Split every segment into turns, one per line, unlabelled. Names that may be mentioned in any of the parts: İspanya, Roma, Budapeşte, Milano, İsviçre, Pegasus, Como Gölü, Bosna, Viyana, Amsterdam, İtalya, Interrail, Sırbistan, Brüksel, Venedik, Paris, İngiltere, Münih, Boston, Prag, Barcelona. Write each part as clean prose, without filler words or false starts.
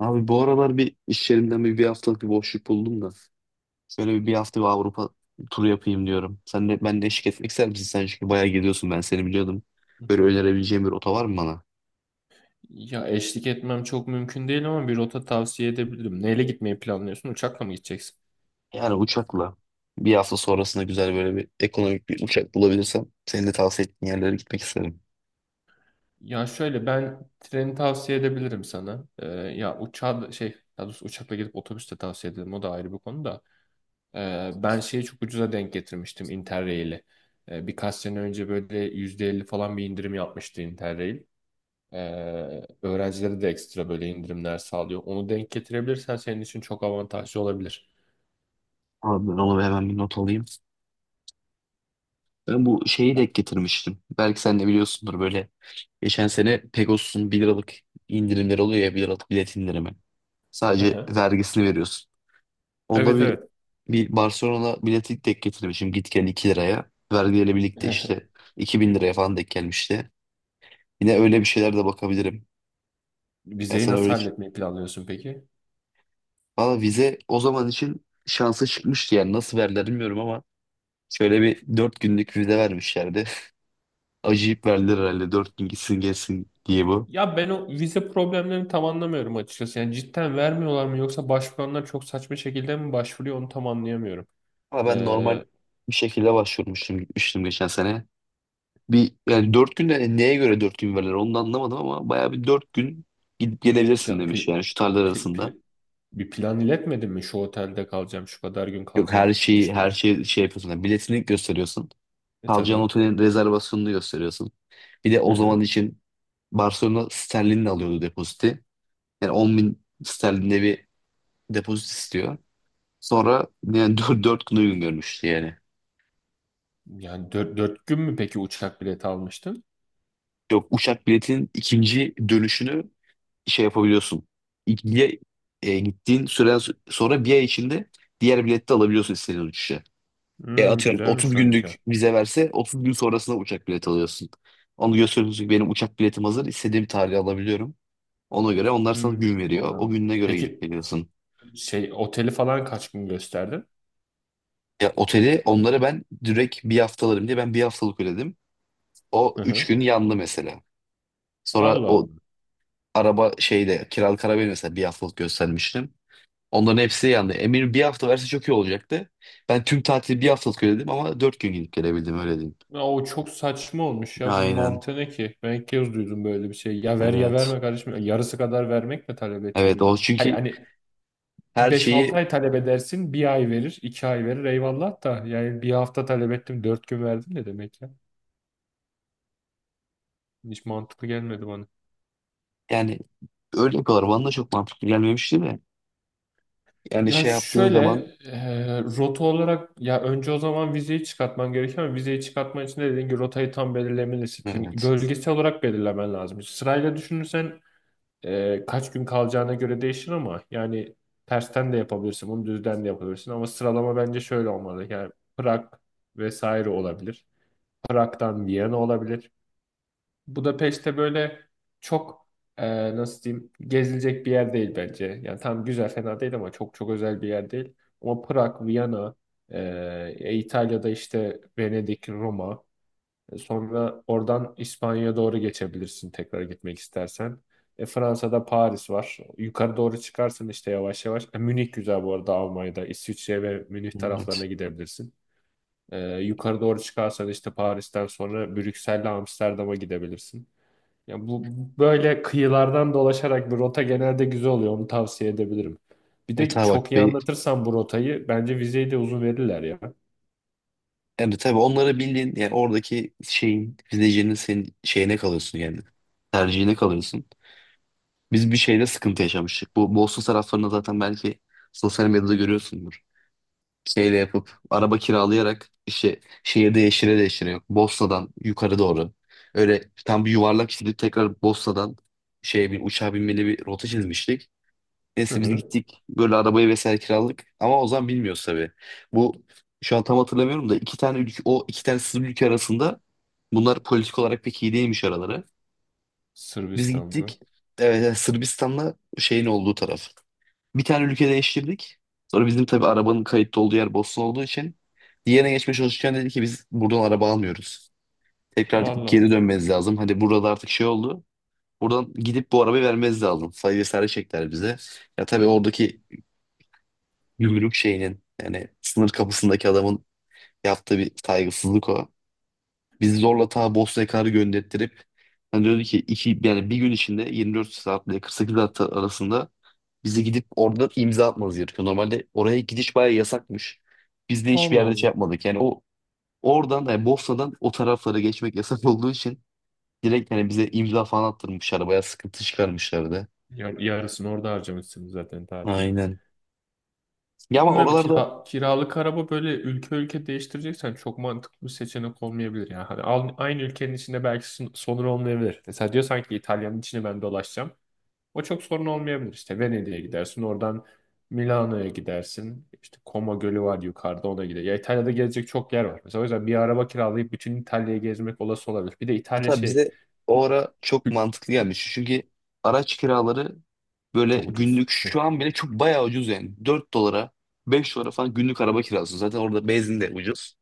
Abi bu aralar bir iş yerimden bir haftalık bir boşluk buldum da. Şöyle bir hafta bir Avrupa turu yapayım diyorum. Sen de ben de eşlik etmek ister misin? Sen çünkü bayağı gidiyorsun, ben seni biliyordum. Böyle önerebileceğin bir rota var mı bana?
Ya eşlik etmem çok mümkün değil ama bir rota tavsiye edebilirim. Neyle gitmeyi planlıyorsun? Uçakla mı gideceksin?
Yani uçakla bir hafta sonrasında güzel böyle bir ekonomik bir uçak bulabilirsem senin de tavsiye ettiğin yerlere gitmek isterim.
Ya şöyle ben treni tavsiye edebilirim sana. Ya uçağı da- şey daha doğrusu uçakla gidip otobüste tavsiye ederim. O da ayrı bir konu da. Ben şeyi çok ucuza denk getirmiştim Interrail'i. Birkaç sene önce böyle %50 falan bir indirim yapmıştı Interrail. Öğrencilere de ekstra böyle indirimler sağlıyor. Onu denk getirebilirsen senin için çok avantajlı olabilir.
Abi ben onu hemen bir not alayım. Ben bu şeyi de getirmiştim. Belki sen de biliyorsundur böyle. Geçen sene Pegasus'un bir liralık indirimleri oluyor ya, 1 liralık bilet indirimi.
Hı
Sadece
hı.
vergisini veriyorsun. Onda
Evet
bir
evet.
bir Barcelona bileti denk getirmişim, git gel 2 liraya. Vergiyle birlikte işte 2.000 liraya falan denk gelmişti. Yine öyle bir şeyler de bakabilirim. Yani
Vizeyi
sana
nasıl
öyle...
halletmeyi planlıyorsun peki?
Valla vize o zaman için şansı çıkmıştı, yani nasıl verdiler bilmiyorum ama şöyle bir 4 günlük vize vermişlerdi. Acıyıp verdiler herhalde, 4 gün gitsin gelsin diye bu.
Ya ben o vize problemlerini tam anlamıyorum açıkçası. Yani cidden vermiyorlar mı yoksa başvuranlar çok saçma şekilde mi başvuruyor onu tam anlayamıyorum.
Ama ben normal
Ee,
bir şekilde başvurmuştum, gitmiştim geçen sene. Bir yani dört gün neye göre dört gün verirler onu da anlamadım ama bayağı bir dört gün gidip gelebilirsin
pla-
demiş,
pil-
yani şu tarihler
pil-
arasında.
pil- bir plan iletmedin mi? Şu otelde kalacağım, şu kadar gün
Yok, her
kalacağım,
şeyi
gidiş
her
dönüş.
şey şey yapıyorsun. Yani biletini gösteriyorsun.
E
Kalacağın
tabii.
otelin rezervasyonunu gösteriyorsun. Bir de
Hı
o zaman
hı.
için Barcelona sterlinle alıyordu depoziti. Yani 10.000 sterlinde bir depozit istiyor. Sonra yani dört gün uygun görmüştü yani.
Yani dört gün mü peki uçak bileti almıştın?
Yok, uçak biletinin ikinci dönüşünü şey yapabiliyorsun. İlgiye gittiğin süre sonra bir ay içinde diğer bileti de alabiliyorsun istediğin uçuşa. E
Hmm,
atıyorum 30
güzelmiş o.
günlük vize verse 30 gün sonrasında uçak bileti alıyorsun. Onu gösteriyorsun ki benim uçak biletim hazır, istediğim tarihe alabiliyorum. Ona göre onlar sana
Hmm,
gün veriyor. O
oradan.
gününe göre gidip
Peki
geliyorsun.
şey oteli falan kaç gün gösterdin?
Ya oteli onlara ben direkt bir haftalarım diye ben bir haftalık ödedim. O
Hı
3
hı.
gün yandı mesela. Sonra
Allah
o
Allah.
araba şeyde kiralık arabayı mesela bir haftalık göstermiştim. Onların hepsi yandı. Emir bir hafta verse çok iyi olacaktı. Ben tüm tatili bir haftalık ödedim ama dört gün gidip gelebildim, öyle diyeyim.
Ya o çok saçma olmuş ya. Bunun
Aynen.
mantığı ne ki? Ben ilk kez duydum böyle bir şey. Ya ver ya
Evet.
verme kardeşim. Yarısı kadar vermek mi talep
Evet
ettiğimi?
o çünkü
Hani
her
beş altı ay
şeyi
talep edersin. Bir ay verir, iki ay verir. Eyvallah da. Yani bir hafta talep ettim. Dört gün verdim ne demek ya? Hiç mantıklı gelmedi bana.
yani öyle yapıyorlar. Bana da çok mantıklı gelmemişti de. Yani
Ya
şey yaptığın
şöyle,
zaman
rota olarak ya önce o zaman vizeyi çıkartman gerekiyor ama vizeyi çıkartman için de dediğin gibi rotayı tam belirlemelisin. Şimdi
evet.
bölgesel olarak belirlemen lazım. Sırayla düşünürsen kaç gün kalacağına göre değişir ama yani tersten de yapabilirsin, bunu düzden de yapabilirsin ama sıralama bence şöyle olmalı. Yani Prag vesaire olabilir. Prag'dan Viyana olabilir. Budapeşte böyle çok, nasıl diyeyim, gezilecek bir yer değil bence. Yani tam güzel, fena değil ama çok özel bir yer değil. Ama Prag, Viyana, İtalya'da işte Venedik, Roma. Sonra oradan İspanya'ya doğru geçebilirsin tekrar gitmek istersen. Fransa'da Paris var. Yukarı doğru çıkarsın işte yavaş yavaş. Münih güzel bu arada Almanya'da. İsviçre ve Münih taraflarına
Evet.
gidebilirsin. Yukarı doğru çıkarsan işte Paris'ten sonra Brüksel'le Amsterdam'a gidebilirsin. Ya bu böyle kıyılardan dolaşarak bir rota genelde güzel oluyor. Onu tavsiye edebilirim. Bir
Evet
de
abi
çok
bak
iyi
be,
anlatırsan bu rotayı bence vizeyi de uzun verirler ya.
yani tabii onları bildiğin yani oradaki şeyin izleyicinin senin şeyine kalıyorsun yani. Tercihine kalıyorsun. Biz bir şeyde sıkıntı yaşamıştık. Bu Boston taraflarında zaten, belki sosyal medyada görüyorsundur. Şeyle yapıp araba kiralayarak işte şehirde yeşile deşire yok. Bosna'dan yukarı doğru. Öyle tam bir yuvarlak çizip tekrar Bosna'dan şeye bir uçağa binmeli bir rota çizmiştik.
Hı
Neyse biz
hı.
gittik böyle arabayı vesaire kiraladık ama o zaman bilmiyoruz tabii. Bu şu an tam hatırlamıyorum da iki tane ülke, o iki tane sınır ülke arasında bunlar politik olarak pek iyi değilmiş araları. Biz
Sırbistan'da.
gittik, evet, evet, Sırbistan'la şeyin olduğu taraf. Bir tane ülke değiştirdik. Sonra bizim tabii arabanın kayıtlı olduğu yer Bosna olduğu için diğerine geçmeye çalışırken dedi ki biz buradan araba almıyoruz. Tekrar
Allah
geri
Allah.
dönmeniz lazım. Hadi burada da artık şey oldu. Buradan gidip bu arabayı vermeniz lazım. Sayı vesaire çektiler bize. Ya tabii oradaki gümrük şeyinin yani sınır kapısındaki adamın yaptığı bir saygısızlık o. Bizi zorla ta Bosna'ya kadar gönderttirip hani diyordu ki iki, yani bir gün içinde 24 saat ile 48 saat arasında bizi gidip orada imza atmanız gerekiyor. Normalde oraya gidiş bayağı yasakmış. Biz de hiçbir
Allah
yerde şey
Allah.
yapmadık. Yani o oradan yani Bosna'dan o taraflara geçmek yasak olduğu için direkt hani bize imza falan attırmışlar. Bayağı sıkıntı çıkarmışlardı.
Yarısını orada harcamışsın zaten tatilin.
Aynen. Ya ama
Bilmiyorum,
oralarda
kiralık araba böyle ülke ülke değiştireceksen çok mantıklı bir seçenek olmayabilir. Yani hani aynı ülkenin içinde belki sorun olmayabilir. Mesela diyorsan ki İtalya'nın içine ben dolaşacağım. O çok sorun olmayabilir. İşte Venedik'e gidersin, oradan Milano'ya gidersin. İşte Como Gölü var yukarıda, ona gider. Ya İtalya'da gezecek çok yer var. Mesela o yüzden bir araba kiralayıp bütün İtalya'yı gezmek olası olabilir. Bir de İtalya
hatta
şey.
bize o ara çok mantıklı gelmiş. Çünkü araç kiraları böyle
Çok ucuz.
günlük şu an bile çok bayağı ucuz yani. Dört dolara 5 dolara falan günlük araba kiralıyorsun. Zaten orada benzin de ucuz.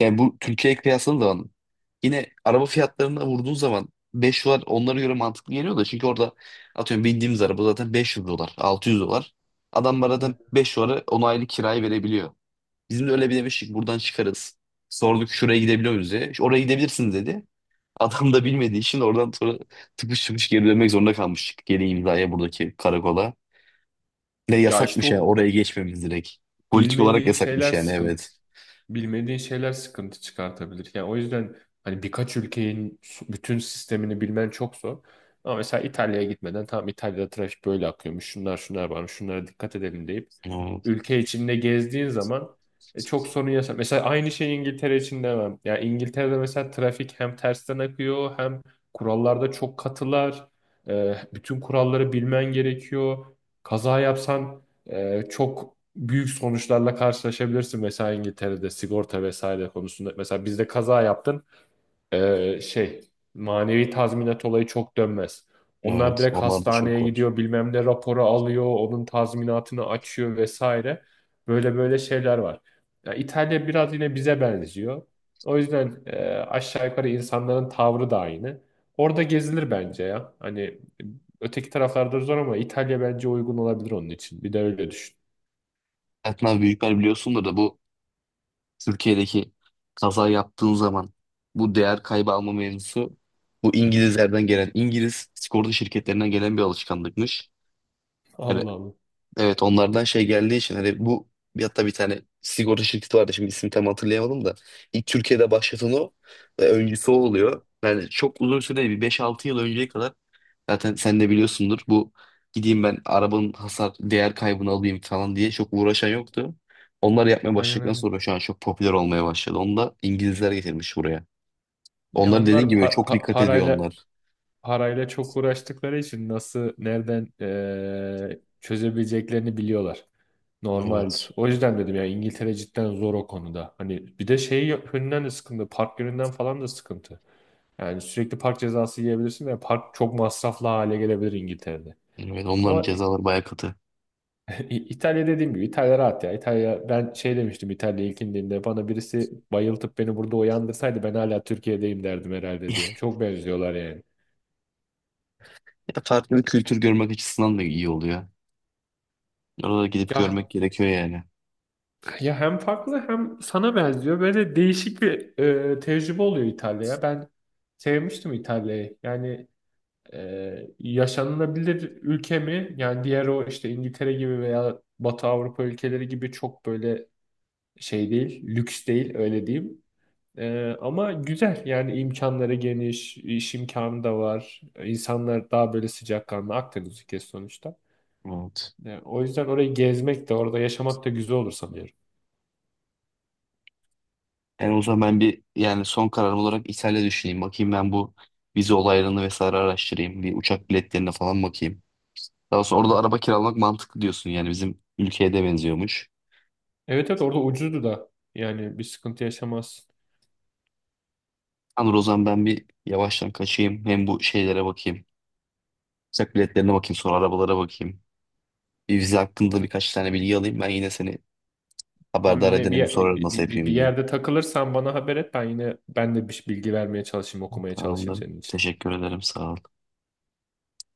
Yani bu Türkiye'ye kıyasladığın zaman yine araba fiyatlarına vurduğun zaman 5 dolar onlara göre mantıklı geliyor da, çünkü orada atıyorum bindiğimiz araba zaten 500 dolar 600 dolar. Adam bana zaten
Evet.
5 dolara 10 aylık kirayı verebiliyor. Bizim de öyle bir demiştik buradan çıkarız. Sorduk şuraya gidebiliyor muyuz diye. "İşte oraya gidebilirsiniz," dedi. Adam da bilmediği için oradan sonra tıpış tıpış geri dönmek zorunda kalmıştık. Geri imzaya buradaki karakola. Ne
Ya işte
yasakmış ya
o
oraya geçmemiz direkt. Politik olarak
bilmediğin
yasakmış
şeyler
yani,
sıkıntı.
evet.
Bilmediğin şeyler sıkıntı çıkartabilir. Yani o yüzden hani birkaç ülkenin bütün sistemini bilmen çok zor. Ama mesela İtalya'ya gitmeden tamam, İtalya'da trafik böyle akıyormuş. Şunlar şunlar varmış. Şunlara dikkat edelim deyip
Evet,
ülke içinde gezdiğin zaman, çok sorun yaşa. Mesela aynı şey İngiltere için demem. Yani İngiltere'de mesela trafik hem tersten akıyor hem kurallarda çok katılar. Bütün kuralları bilmen gerekiyor. Kaza yapsan çok büyük sonuçlarla karşılaşabilirsin mesela İngiltere'de sigorta vesaire konusunda. Mesela bizde kaza yaptın, ee, şey manevi tazminat olayı çok dönmez. Onlar
evet.
direkt
Onlar da çok
hastaneye
korkunç.
gidiyor, bilmem ne raporu alıyor, onun tazminatını açıyor vesaire. Böyle şeyler var. Ya İtalya biraz yine bize benziyor. O yüzden aşağı yukarı insanların tavrı da aynı. Orada gezilir bence ya. Hani öteki taraflarda zor ama İtalya bence uygun olabilir onun için. Bir de öyle düşün.
Hayatın abi büyükler biliyorsundur da bu Türkiye'deki kaza yaptığın zaman bu değer kaybı alma mevzusu bu İngilizlerden gelen, İngiliz sigorta şirketlerinden gelen bir alışkanlıkmış. Yani
Allah Allah.
evet, onlardan şey geldiği için hani bu bir- hatta bir tane sigorta şirketi vardı, şimdi ismini tam hatırlayamadım da ilk Türkiye'de başlatan o ve öncüsü o oluyor. Yani çok uzun süre değil, bir 5-6 yıl önceye kadar zaten sen de biliyorsundur bu gideyim ben arabanın hasar değer kaybını alayım falan diye çok uğraşan yoktu. Onlar yapmaya
Aynen
başladıktan
aynen.
sonra şu an çok popüler olmaya başladı. Onu da İngilizler getirmiş buraya.
Ya
Onlar
onlar
dediğin gibi çok dikkat ediyor onlar.
parayla çok uğraştıkları için nasıl nereden çözebileceklerini biliyorlar. Normaldir.
Evet.
O yüzden dedim ya, İngiltere cidden zor o konuda. Hani bir de şey yönünden de sıkıntı. Park yönünden falan da sıkıntı. Yani sürekli park cezası yiyebilirsin ve park çok masraflı hale gelebilir İngiltere'de.
Evet, onların
Ama
cezaları bayağı katı.
İtalya, dediğim gibi İtalya rahat ya. İtalya, ben şey demiştim, İtalya ilk indiğimde bana birisi bayıltıp beni burada uyandırsaydı ben hala Türkiye'deyim derdim herhalde diye. Çok benziyorlar yani.
Ya farklı bir kültür görmek açısından da iyi oluyor. Orada gidip görmek
Ya
gerekiyor yani.
ya hem farklı hem sana benziyor. Böyle değişik bir, tecrübe oluyor İtalya'ya. Ben sevmiştim İtalya'yı. Yani, yaşanılabilir ülke mi? Yani diğer o işte İngiltere gibi veya Batı Avrupa ülkeleri gibi çok böyle şey değil, lüks değil, öyle diyeyim. Ama güzel yani, imkanları geniş, iş imkanı da var. İnsanlar daha böyle sıcakkanlı, Akdeniz ülkesi sonuçta.
Evet.
O yüzden orayı gezmek de orada yaşamak da güzel olur sanıyorum.
Yani o zaman ben bir yani son kararım olarak İtalya düşüneyim. Bakayım ben bu vize olaylarını vesaire araştırayım. Bir uçak biletlerine falan bakayım. Daha sonra orada araba kiralamak mantıklı diyorsun yani, bizim ülkeye de benziyormuş.
Evet evet, orada ucuzdu da, yani bir sıkıntı yaşamazsın.
Anır o zaman ben bir yavaştan kaçayım. Hem bu şeylere bakayım. Uçak biletlerine bakayım sonra arabalara bakayım. Bir vize hakkında
Ta-
birkaç tane bilgi alayım. Ben yine seni
Tam
haberdar
yine
edene bir sorarım nasıl
bir
yapayım diye.
yerde takılırsan bana haber et, ben yine, ben de bir bilgi vermeye çalışayım, okumaya çalışayım
Tamamdır.
senin için.
Teşekkür ederim. Sağ ol.